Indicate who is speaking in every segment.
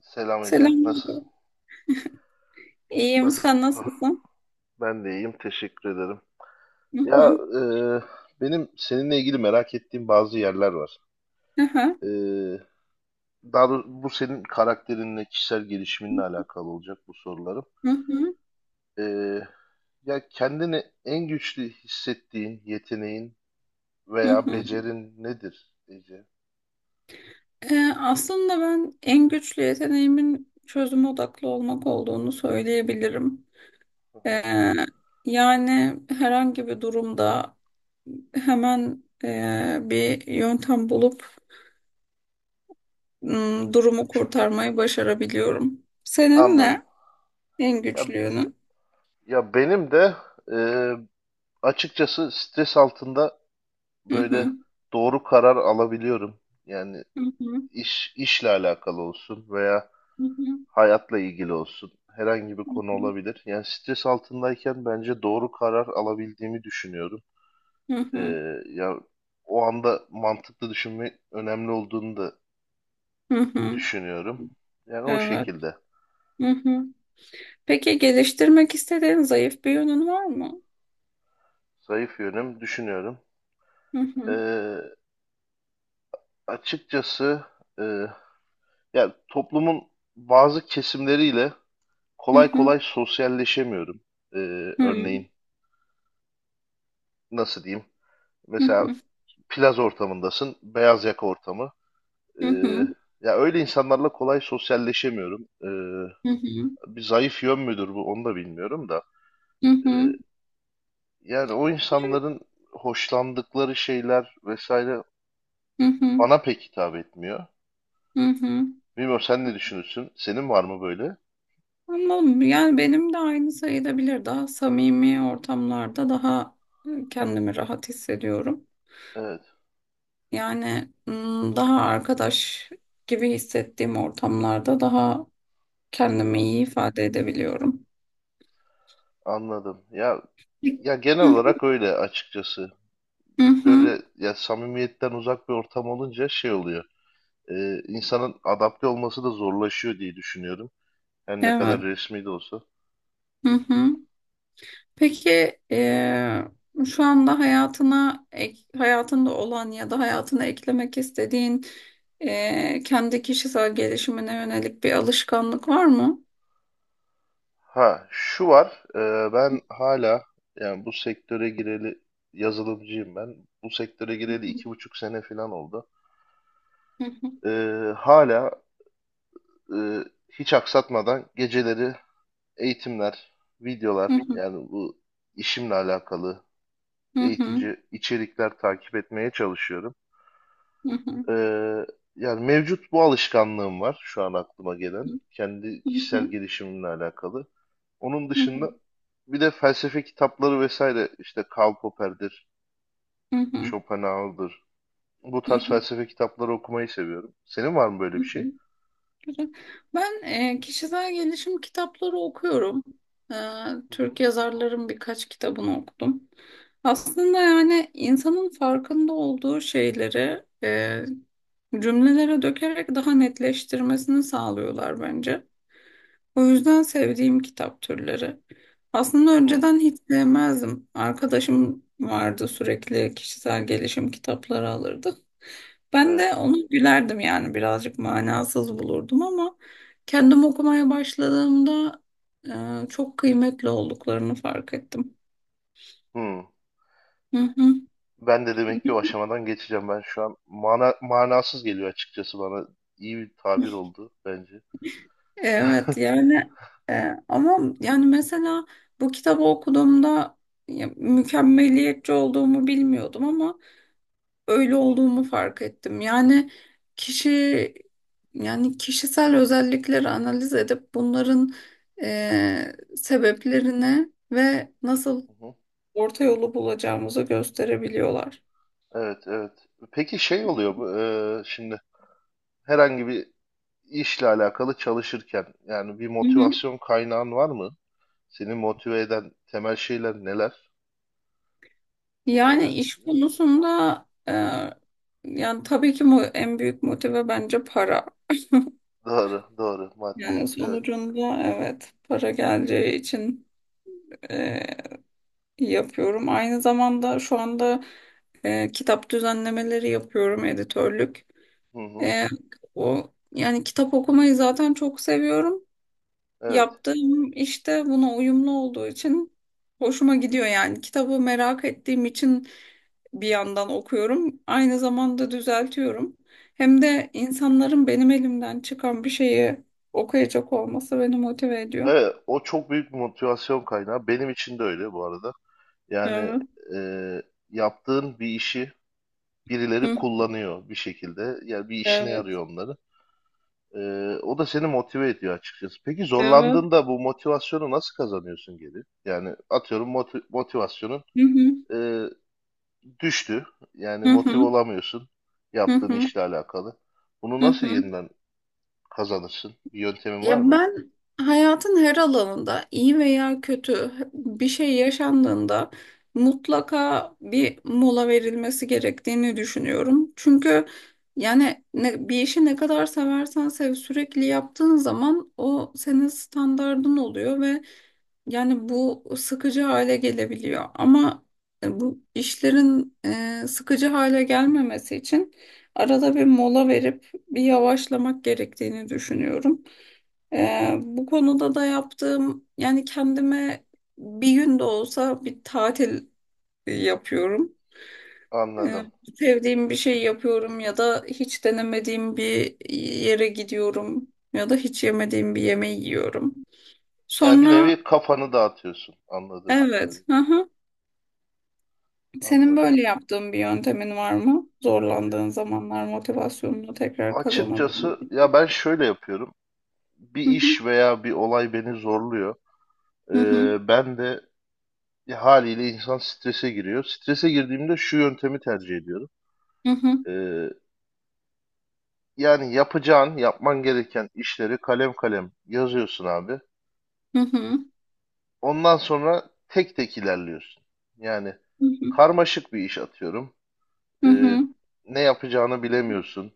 Speaker 1: Selam Ece. Nasılsın?
Speaker 2: Selamünaleyküm. İyiyim,
Speaker 1: Nasıl?
Speaker 2: sen
Speaker 1: Ah,
Speaker 2: nasılsın?
Speaker 1: Ben de iyiyim. Teşekkür ederim.
Speaker 2: Hı
Speaker 1: Ya
Speaker 2: hı,
Speaker 1: benim seninle ilgili merak ettiğim bazı yerler var.
Speaker 2: hı hı,
Speaker 1: E, daha doğrusu bu senin karakterinle, kişisel gelişiminle alakalı olacak bu sorularım.
Speaker 2: hı hı,
Speaker 1: E, ya kendini en güçlü hissettiğin yeteneğin
Speaker 2: hı
Speaker 1: veya
Speaker 2: hı.
Speaker 1: becerin nedir Ece?
Speaker 2: Aslında ben en güçlü yeteneğimin çözüm odaklı olmak olduğunu söyleyebilirim.
Speaker 1: Hı hı.
Speaker 2: Ee, yani herhangi bir durumda hemen bir yöntem bulup m, durumu kurtarmayı başarabiliyorum. Senin
Speaker 1: Anladım.
Speaker 2: en
Speaker 1: Ya,
Speaker 2: güçlü yönün?
Speaker 1: ya benim de e, açıkçası stres altında
Speaker 2: Hı
Speaker 1: böyle
Speaker 2: hı,
Speaker 1: doğru karar alabiliyorum. Yani
Speaker 2: hı hı,
Speaker 1: işle alakalı olsun veya
Speaker 2: hı hı,
Speaker 1: hayatla ilgili olsun. Herhangi bir
Speaker 2: hı
Speaker 1: konu
Speaker 2: hı,
Speaker 1: olabilir. Yani stres altındayken bence doğru karar alabildiğimi düşünüyorum.
Speaker 2: hı
Speaker 1: Ee,
Speaker 2: hı,
Speaker 1: ya o anda mantıklı düşünme önemli olduğunu da
Speaker 2: hı hı.
Speaker 1: düşünüyorum. Yani o
Speaker 2: Evet.
Speaker 1: şekilde
Speaker 2: Peki geliştirmek istediğin zayıf bir yönün var mı?
Speaker 1: zayıf yönüm düşünüyorum.
Speaker 2: Hı hı,
Speaker 1: Ee, açıkçası e, ya toplumun bazı kesimleriyle
Speaker 2: hı
Speaker 1: kolay
Speaker 2: hı,
Speaker 1: kolay sosyalleşemiyorum. Ee,
Speaker 2: hı,
Speaker 1: örneğin nasıl diyeyim?
Speaker 2: hı
Speaker 1: Mesela
Speaker 2: hı,
Speaker 1: plaz ortamındasın, beyaz yaka ortamı. Ee,
Speaker 2: hı hı,
Speaker 1: ya öyle insanlarla kolay sosyalleşemiyorum.
Speaker 2: hı hı,
Speaker 1: Bir zayıf yön müdür bu, onu da bilmiyorum da.
Speaker 2: hı
Speaker 1: Ee,
Speaker 2: hı.
Speaker 1: yani o insanların hoşlandıkları şeyler vesaire
Speaker 2: Hı hı,
Speaker 1: bana pek hitap etmiyor.
Speaker 2: hı hı.
Speaker 1: Bilmiyorum, sen ne düşünürsün? Senin var mı böyle?
Speaker 2: Anladım. Yani benim de aynı sayılabilir. Daha samimi ortamlarda daha kendimi rahat hissediyorum.
Speaker 1: Evet.
Speaker 2: Yani daha arkadaş gibi hissettiğim ortamlarda daha kendimi
Speaker 1: Aha,
Speaker 2: iyi ifade edebiliyorum.
Speaker 1: anladım. Ya ya genel
Speaker 2: Hı hı,
Speaker 1: olarak öyle açıkçası.
Speaker 2: hı
Speaker 1: Böyle
Speaker 2: hı.
Speaker 1: ya samimiyetten uzak bir ortam olunca şey oluyor. İnsanın adapte olması da zorlaşıyor diye düşünüyorum. Her ne kadar
Speaker 2: Evet.
Speaker 1: resmi de olsa.
Speaker 2: Hı hı. Peki şu anda hayatına hayatında olan ya da hayatına eklemek istediğin kendi kişisel gelişimine yönelik bir alışkanlık var mı?
Speaker 1: Ha, şu var. Ben hala, yani bu sektöre gireli, yazılımcıyım ben. Bu sektöre gireli 2,5 sene falan oldu. E, hala e, hiç aksatmadan geceleri eğitimler, videolar, yani bu işimle alakalı eğitici içerikler takip etmeye çalışıyorum. Ee, yani mevcut bu alışkanlığım var şu an aklıma gelen. Kendi kişisel gelişimimle alakalı. Onun dışında bir de felsefe kitapları vesaire, işte Karl Popper'dir, Schopenhauer'dır. Bu tarz felsefe kitapları okumayı seviyorum. Senin var mı böyle bir şey?
Speaker 2: Güzel. Ben kişisel gelişim kitapları okuyorum. E,
Speaker 1: Hı hı.
Speaker 2: Türk yazarların birkaç kitabını okudum. Aslında yani insanın farkında olduğu şeyleri cümlelere dökerek daha netleştirmesini sağlıyorlar bence. O yüzden sevdiğim kitap türleri. Aslında
Speaker 1: Hı,
Speaker 2: önceden hiç sevmezdim. Arkadaşım vardı, sürekli kişisel gelişim kitapları alırdı. Ben de
Speaker 1: evet.
Speaker 2: onu gülerdim yani, birazcık manasız bulurdum ama kendim okumaya başladığımda çok kıymetli olduklarını fark ettim.
Speaker 1: Hı.
Speaker 2: Hı hı.
Speaker 1: Ben de demek ki o aşamadan geçeceğim. Ben şu an manasız geliyor açıkçası bana. İyi bir tabir oldu bence. Hı
Speaker 2: Evet yani, ama yani mesela bu kitabı okuduğumda, ya, mükemmeliyetçi olduğumu bilmiyordum ama öyle olduğumu fark ettim. Yani kişi kişisel özellikleri analiz edip bunların sebeplerine ve nasıl
Speaker 1: hı.
Speaker 2: orta yolu bulacağımızı gösterebiliyorlar.
Speaker 1: Evet, evet. Peki şey oluyor bu, şimdi herhangi bir işle alakalı çalışırken, yani bir
Speaker 2: Hı hı.
Speaker 1: motivasyon kaynağın var mı? Seni motive eden temel şeyler neler?
Speaker 2: Yani
Speaker 1: Bunları
Speaker 2: iş konusunda, tabii ki en büyük motive bence para.
Speaker 1: doğru, doğru, maddiyat.
Speaker 2: Yani
Speaker 1: Evet.
Speaker 2: sonucunda evet, para geleceği için e, yapıyorum. Aynı zamanda şu anda kitap düzenlemeleri yapıyorum, editörlük.
Speaker 1: Hı hı.
Speaker 2: E, o yani kitap okumayı zaten çok seviyorum.
Speaker 1: Evet.
Speaker 2: Yaptığım işte buna uyumlu olduğu için hoşuma gidiyor yani. Kitabı merak ettiğim için bir yandan okuyorum. Aynı zamanda düzeltiyorum. Hem de insanların benim elimden çıkan bir şeyi okuyacak olması beni motive ediyor.
Speaker 1: Evet, o çok büyük bir motivasyon kaynağı. Benim için de öyle bu arada. Yani
Speaker 2: Evet.
Speaker 1: e, yaptığın bir işi birileri
Speaker 2: Hı.
Speaker 1: kullanıyor bir şekilde. Yani bir işine
Speaker 2: Evet.
Speaker 1: yarıyor onları. O da seni motive ediyor açıkçası. Peki
Speaker 2: Evet.
Speaker 1: zorlandığında bu motivasyonu nasıl kazanıyorsun geri? Yani atıyorum, motivasyonun
Speaker 2: Hı hı.
Speaker 1: e, düştü. Yani
Speaker 2: Hı
Speaker 1: motive
Speaker 2: hı.
Speaker 1: olamıyorsun
Speaker 2: Hı
Speaker 1: yaptığın
Speaker 2: hı.
Speaker 1: işle alakalı. Bunu
Speaker 2: Hı
Speaker 1: nasıl
Speaker 2: hı.
Speaker 1: yeniden kazanırsın? Bir yöntemin var
Speaker 2: Ya
Speaker 1: mı?
Speaker 2: ben hayatın her alanında iyi veya kötü bir şey yaşandığında mutlaka bir mola verilmesi gerektiğini düşünüyorum. Çünkü yani bir işi ne kadar seversen sev, sürekli yaptığın zaman o senin standardın oluyor ve yani bu sıkıcı hale gelebiliyor. Ama bu işlerin sıkıcı hale gelmemesi için arada bir mola verip bir yavaşlamak gerektiğini düşünüyorum. Bu konuda da yaptığım, yani kendime bir gün de olsa bir tatil yapıyorum. Ee,
Speaker 1: Anladım.
Speaker 2: sevdiğim bir şey yapıyorum ya da hiç denemediğim bir yere gidiyorum ya da hiç yemediğim bir yemeği yiyorum.
Speaker 1: Yani bir
Speaker 2: Sonra.
Speaker 1: nevi kafanı dağıtıyorsun, anladığım
Speaker 2: Evet,
Speaker 1: kadarıyla.
Speaker 2: hı hı. Senin
Speaker 1: Anladım.
Speaker 2: böyle yaptığın bir yöntemin var mı?
Speaker 1: E,
Speaker 2: Zorlandığın zamanlar motivasyonunu tekrar kazanabilmek
Speaker 1: Açıkçası ya
Speaker 2: için.
Speaker 1: ben şöyle yapıyorum. Bir
Speaker 2: Hı hı.
Speaker 1: iş veya bir olay beni zorluyor.
Speaker 2: Hı hı.
Speaker 1: Ben de Ya, haliyle insan strese giriyor. Strese girdiğimde şu yöntemi tercih ediyorum.
Speaker 2: Hı hı.
Speaker 1: Ee, yani yapacağın, yapman gereken işleri kalem kalem yazıyorsun abi.
Speaker 2: Hı hı.
Speaker 1: Ondan sonra tek tek ilerliyorsun. Yani
Speaker 2: Hı hı.
Speaker 1: karmaşık bir iş, atıyorum.
Speaker 2: Hı
Speaker 1: Ee,
Speaker 2: hı.
Speaker 1: ne yapacağını bilemiyorsun.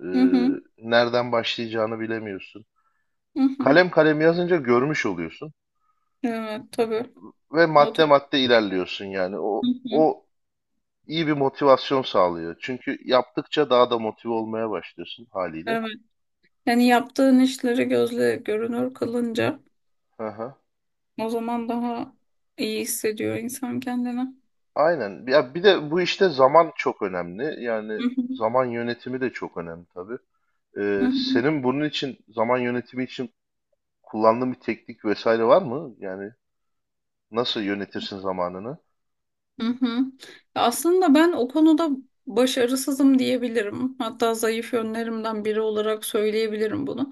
Speaker 1: Ee,
Speaker 2: Hı hı.
Speaker 1: nereden başlayacağını bilemiyorsun.
Speaker 2: Hı hı.
Speaker 1: Kalem kalem yazınca görmüş oluyorsun
Speaker 2: Evet, tabii.
Speaker 1: ve
Speaker 2: Not
Speaker 1: madde
Speaker 2: et.
Speaker 1: madde ilerliyorsun yani. O
Speaker 2: Hı hı.
Speaker 1: o iyi bir motivasyon sağlıyor. Çünkü yaptıkça daha da motive olmaya başlıyorsun haliyle.
Speaker 2: Evet. Yani yaptığın işleri gözle görünür kılınca
Speaker 1: Hı hı.
Speaker 2: o zaman daha iyi hissediyor insan kendini.
Speaker 1: Aynen. Ya bir de bu işte zaman çok önemli. Yani
Speaker 2: Hı hı.
Speaker 1: zaman yönetimi de çok önemli tabii.
Speaker 2: Hı hı.
Speaker 1: Senin bunun için, zaman yönetimi için, kullandığın bir teknik vesaire var mı? Yani nasıl yönetirsin zamanını?
Speaker 2: Hı hı. Ya, aslında ben o konuda başarısızım diyebilirim. Hatta zayıf yönlerimden biri olarak söyleyebilirim bunu.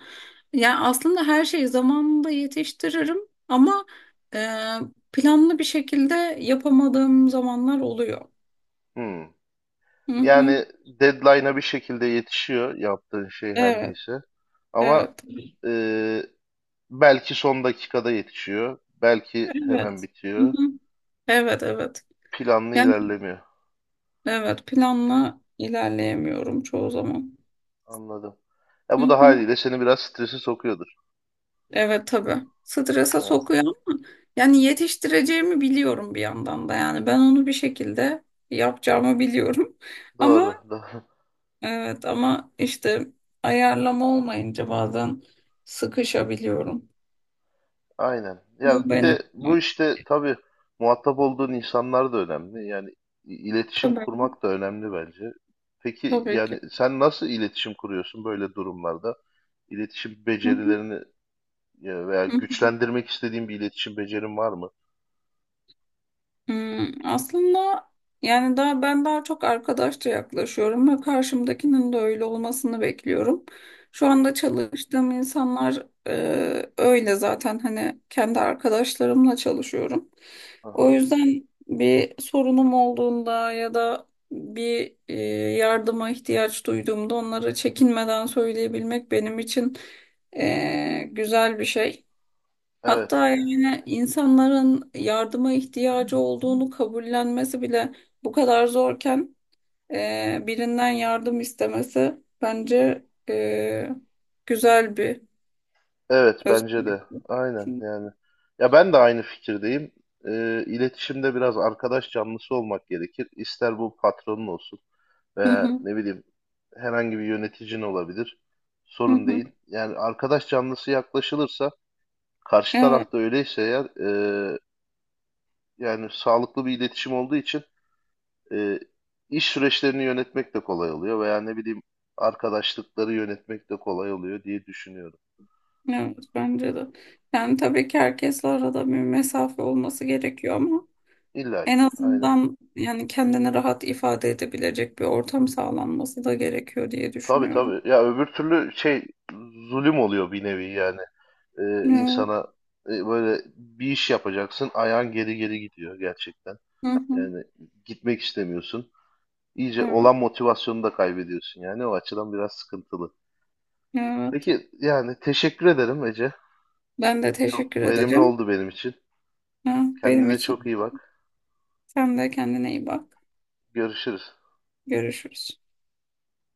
Speaker 2: Yani aslında her şeyi zamanında yetiştiririm ama e, planlı bir şekilde yapamadığım zamanlar oluyor.
Speaker 1: Hmm.
Speaker 2: Hı hı.
Speaker 1: Yani deadline'a bir şekilde yetişiyor yaptığın şey her
Speaker 2: Evet,
Speaker 1: neyse. Ama
Speaker 2: evet.
Speaker 1: e, belki son dakikada yetişiyor. Belki hemen
Speaker 2: Evet.
Speaker 1: bitiyor.
Speaker 2: Evet, evet.
Speaker 1: Planlı
Speaker 2: Yani
Speaker 1: ilerlemiyor.
Speaker 2: evet, planla ilerleyemiyorum çoğu zaman.
Speaker 1: Anladım. Ya
Speaker 2: Hı
Speaker 1: bu da
Speaker 2: hı.
Speaker 1: haliyle seni biraz strese sokuyordur.
Speaker 2: Evet, tabii. Strese
Speaker 1: Yani
Speaker 2: sokuyor ama yani yetiştireceğimi biliyorum bir yandan da, yani ben onu bir şekilde yapacağımı biliyorum. Ama
Speaker 1: doğru, doğru.
Speaker 2: evet, ama işte ayarlama olmayınca bazen sıkışabiliyorum.
Speaker 1: Aynen.
Speaker 2: Bu
Speaker 1: Ya bir de
Speaker 2: benim.
Speaker 1: bu işte tabii muhatap olduğun insanlar da önemli. Yani iletişim
Speaker 2: Tabii,
Speaker 1: kurmak da önemli bence. Peki
Speaker 2: tabii ki.
Speaker 1: yani sen nasıl iletişim kuruyorsun böyle durumlarda? İletişim
Speaker 2: Hı
Speaker 1: becerilerini veya
Speaker 2: hı.
Speaker 1: güçlendirmek istediğin bir iletişim becerin var mı?
Speaker 2: Aslında yani daha ben daha çok arkadaşça yaklaşıyorum ve karşımdakinin de öyle olmasını bekliyorum. Şu anda
Speaker 1: Aha,
Speaker 2: çalıştığım insanlar öyle zaten, hani kendi arkadaşlarımla çalışıyorum. O
Speaker 1: aha.
Speaker 2: yüzden bir sorunum olduğunda ya da bir yardıma ihtiyaç duyduğumda onlara çekinmeden söyleyebilmek benim için güzel bir şey.
Speaker 1: Evet.
Speaker 2: Hatta yani insanların yardıma ihtiyacı olduğunu kabullenmesi bile bu kadar zorken birinden yardım istemesi bence güzel bir
Speaker 1: Evet, bence
Speaker 2: özellik.
Speaker 1: de. Aynen yani. Ya ben de aynı fikirdeyim. İletişimde biraz arkadaş canlısı olmak gerekir. İster bu patronun olsun
Speaker 2: Hı
Speaker 1: veya
Speaker 2: hı,
Speaker 1: ne bileyim, herhangi bir yöneticin olabilir.
Speaker 2: hı
Speaker 1: Sorun
Speaker 2: hı.
Speaker 1: değil. Yani arkadaş canlısı yaklaşılırsa, karşı
Speaker 2: Evet,
Speaker 1: tarafta öyleyse eğer, e, yani sağlıklı bir iletişim olduğu için, e, iş süreçlerini yönetmek de kolay oluyor veya, ne bileyim, arkadaşlıkları yönetmek de kolay oluyor diye düşünüyorum.
Speaker 2: evet bence de. Yani tabii ki herkesle arada bir mesafe olması gerekiyor ama
Speaker 1: İlla
Speaker 2: en
Speaker 1: ki. Aynen.
Speaker 2: azından yani kendini rahat ifade edebilecek bir ortam sağlanması da gerekiyor diye
Speaker 1: Tabii
Speaker 2: düşünüyorum.
Speaker 1: tabii. Ya öbür türlü şey, zulüm oluyor bir nevi yani. İnsana
Speaker 2: Evet.
Speaker 1: böyle bir iş yapacaksın, ayağın geri geri gidiyor gerçekten.
Speaker 2: Hı hı.
Speaker 1: Yani gitmek istemiyorsun. İyice
Speaker 2: Evet.
Speaker 1: olan motivasyonunu da kaybediyorsun, yani o açıdan biraz sıkıntılı.
Speaker 2: Evet.
Speaker 1: Peki yani teşekkür ederim Ece.
Speaker 2: Ben de
Speaker 1: Çok
Speaker 2: teşekkür
Speaker 1: verimli
Speaker 2: ederim.
Speaker 1: oldu benim için.
Speaker 2: Ha, benim
Speaker 1: Kendine çok
Speaker 2: için.
Speaker 1: iyi bak.
Speaker 2: Sen de kendine iyi bak.
Speaker 1: Görüşürüz.
Speaker 2: Görüşürüz.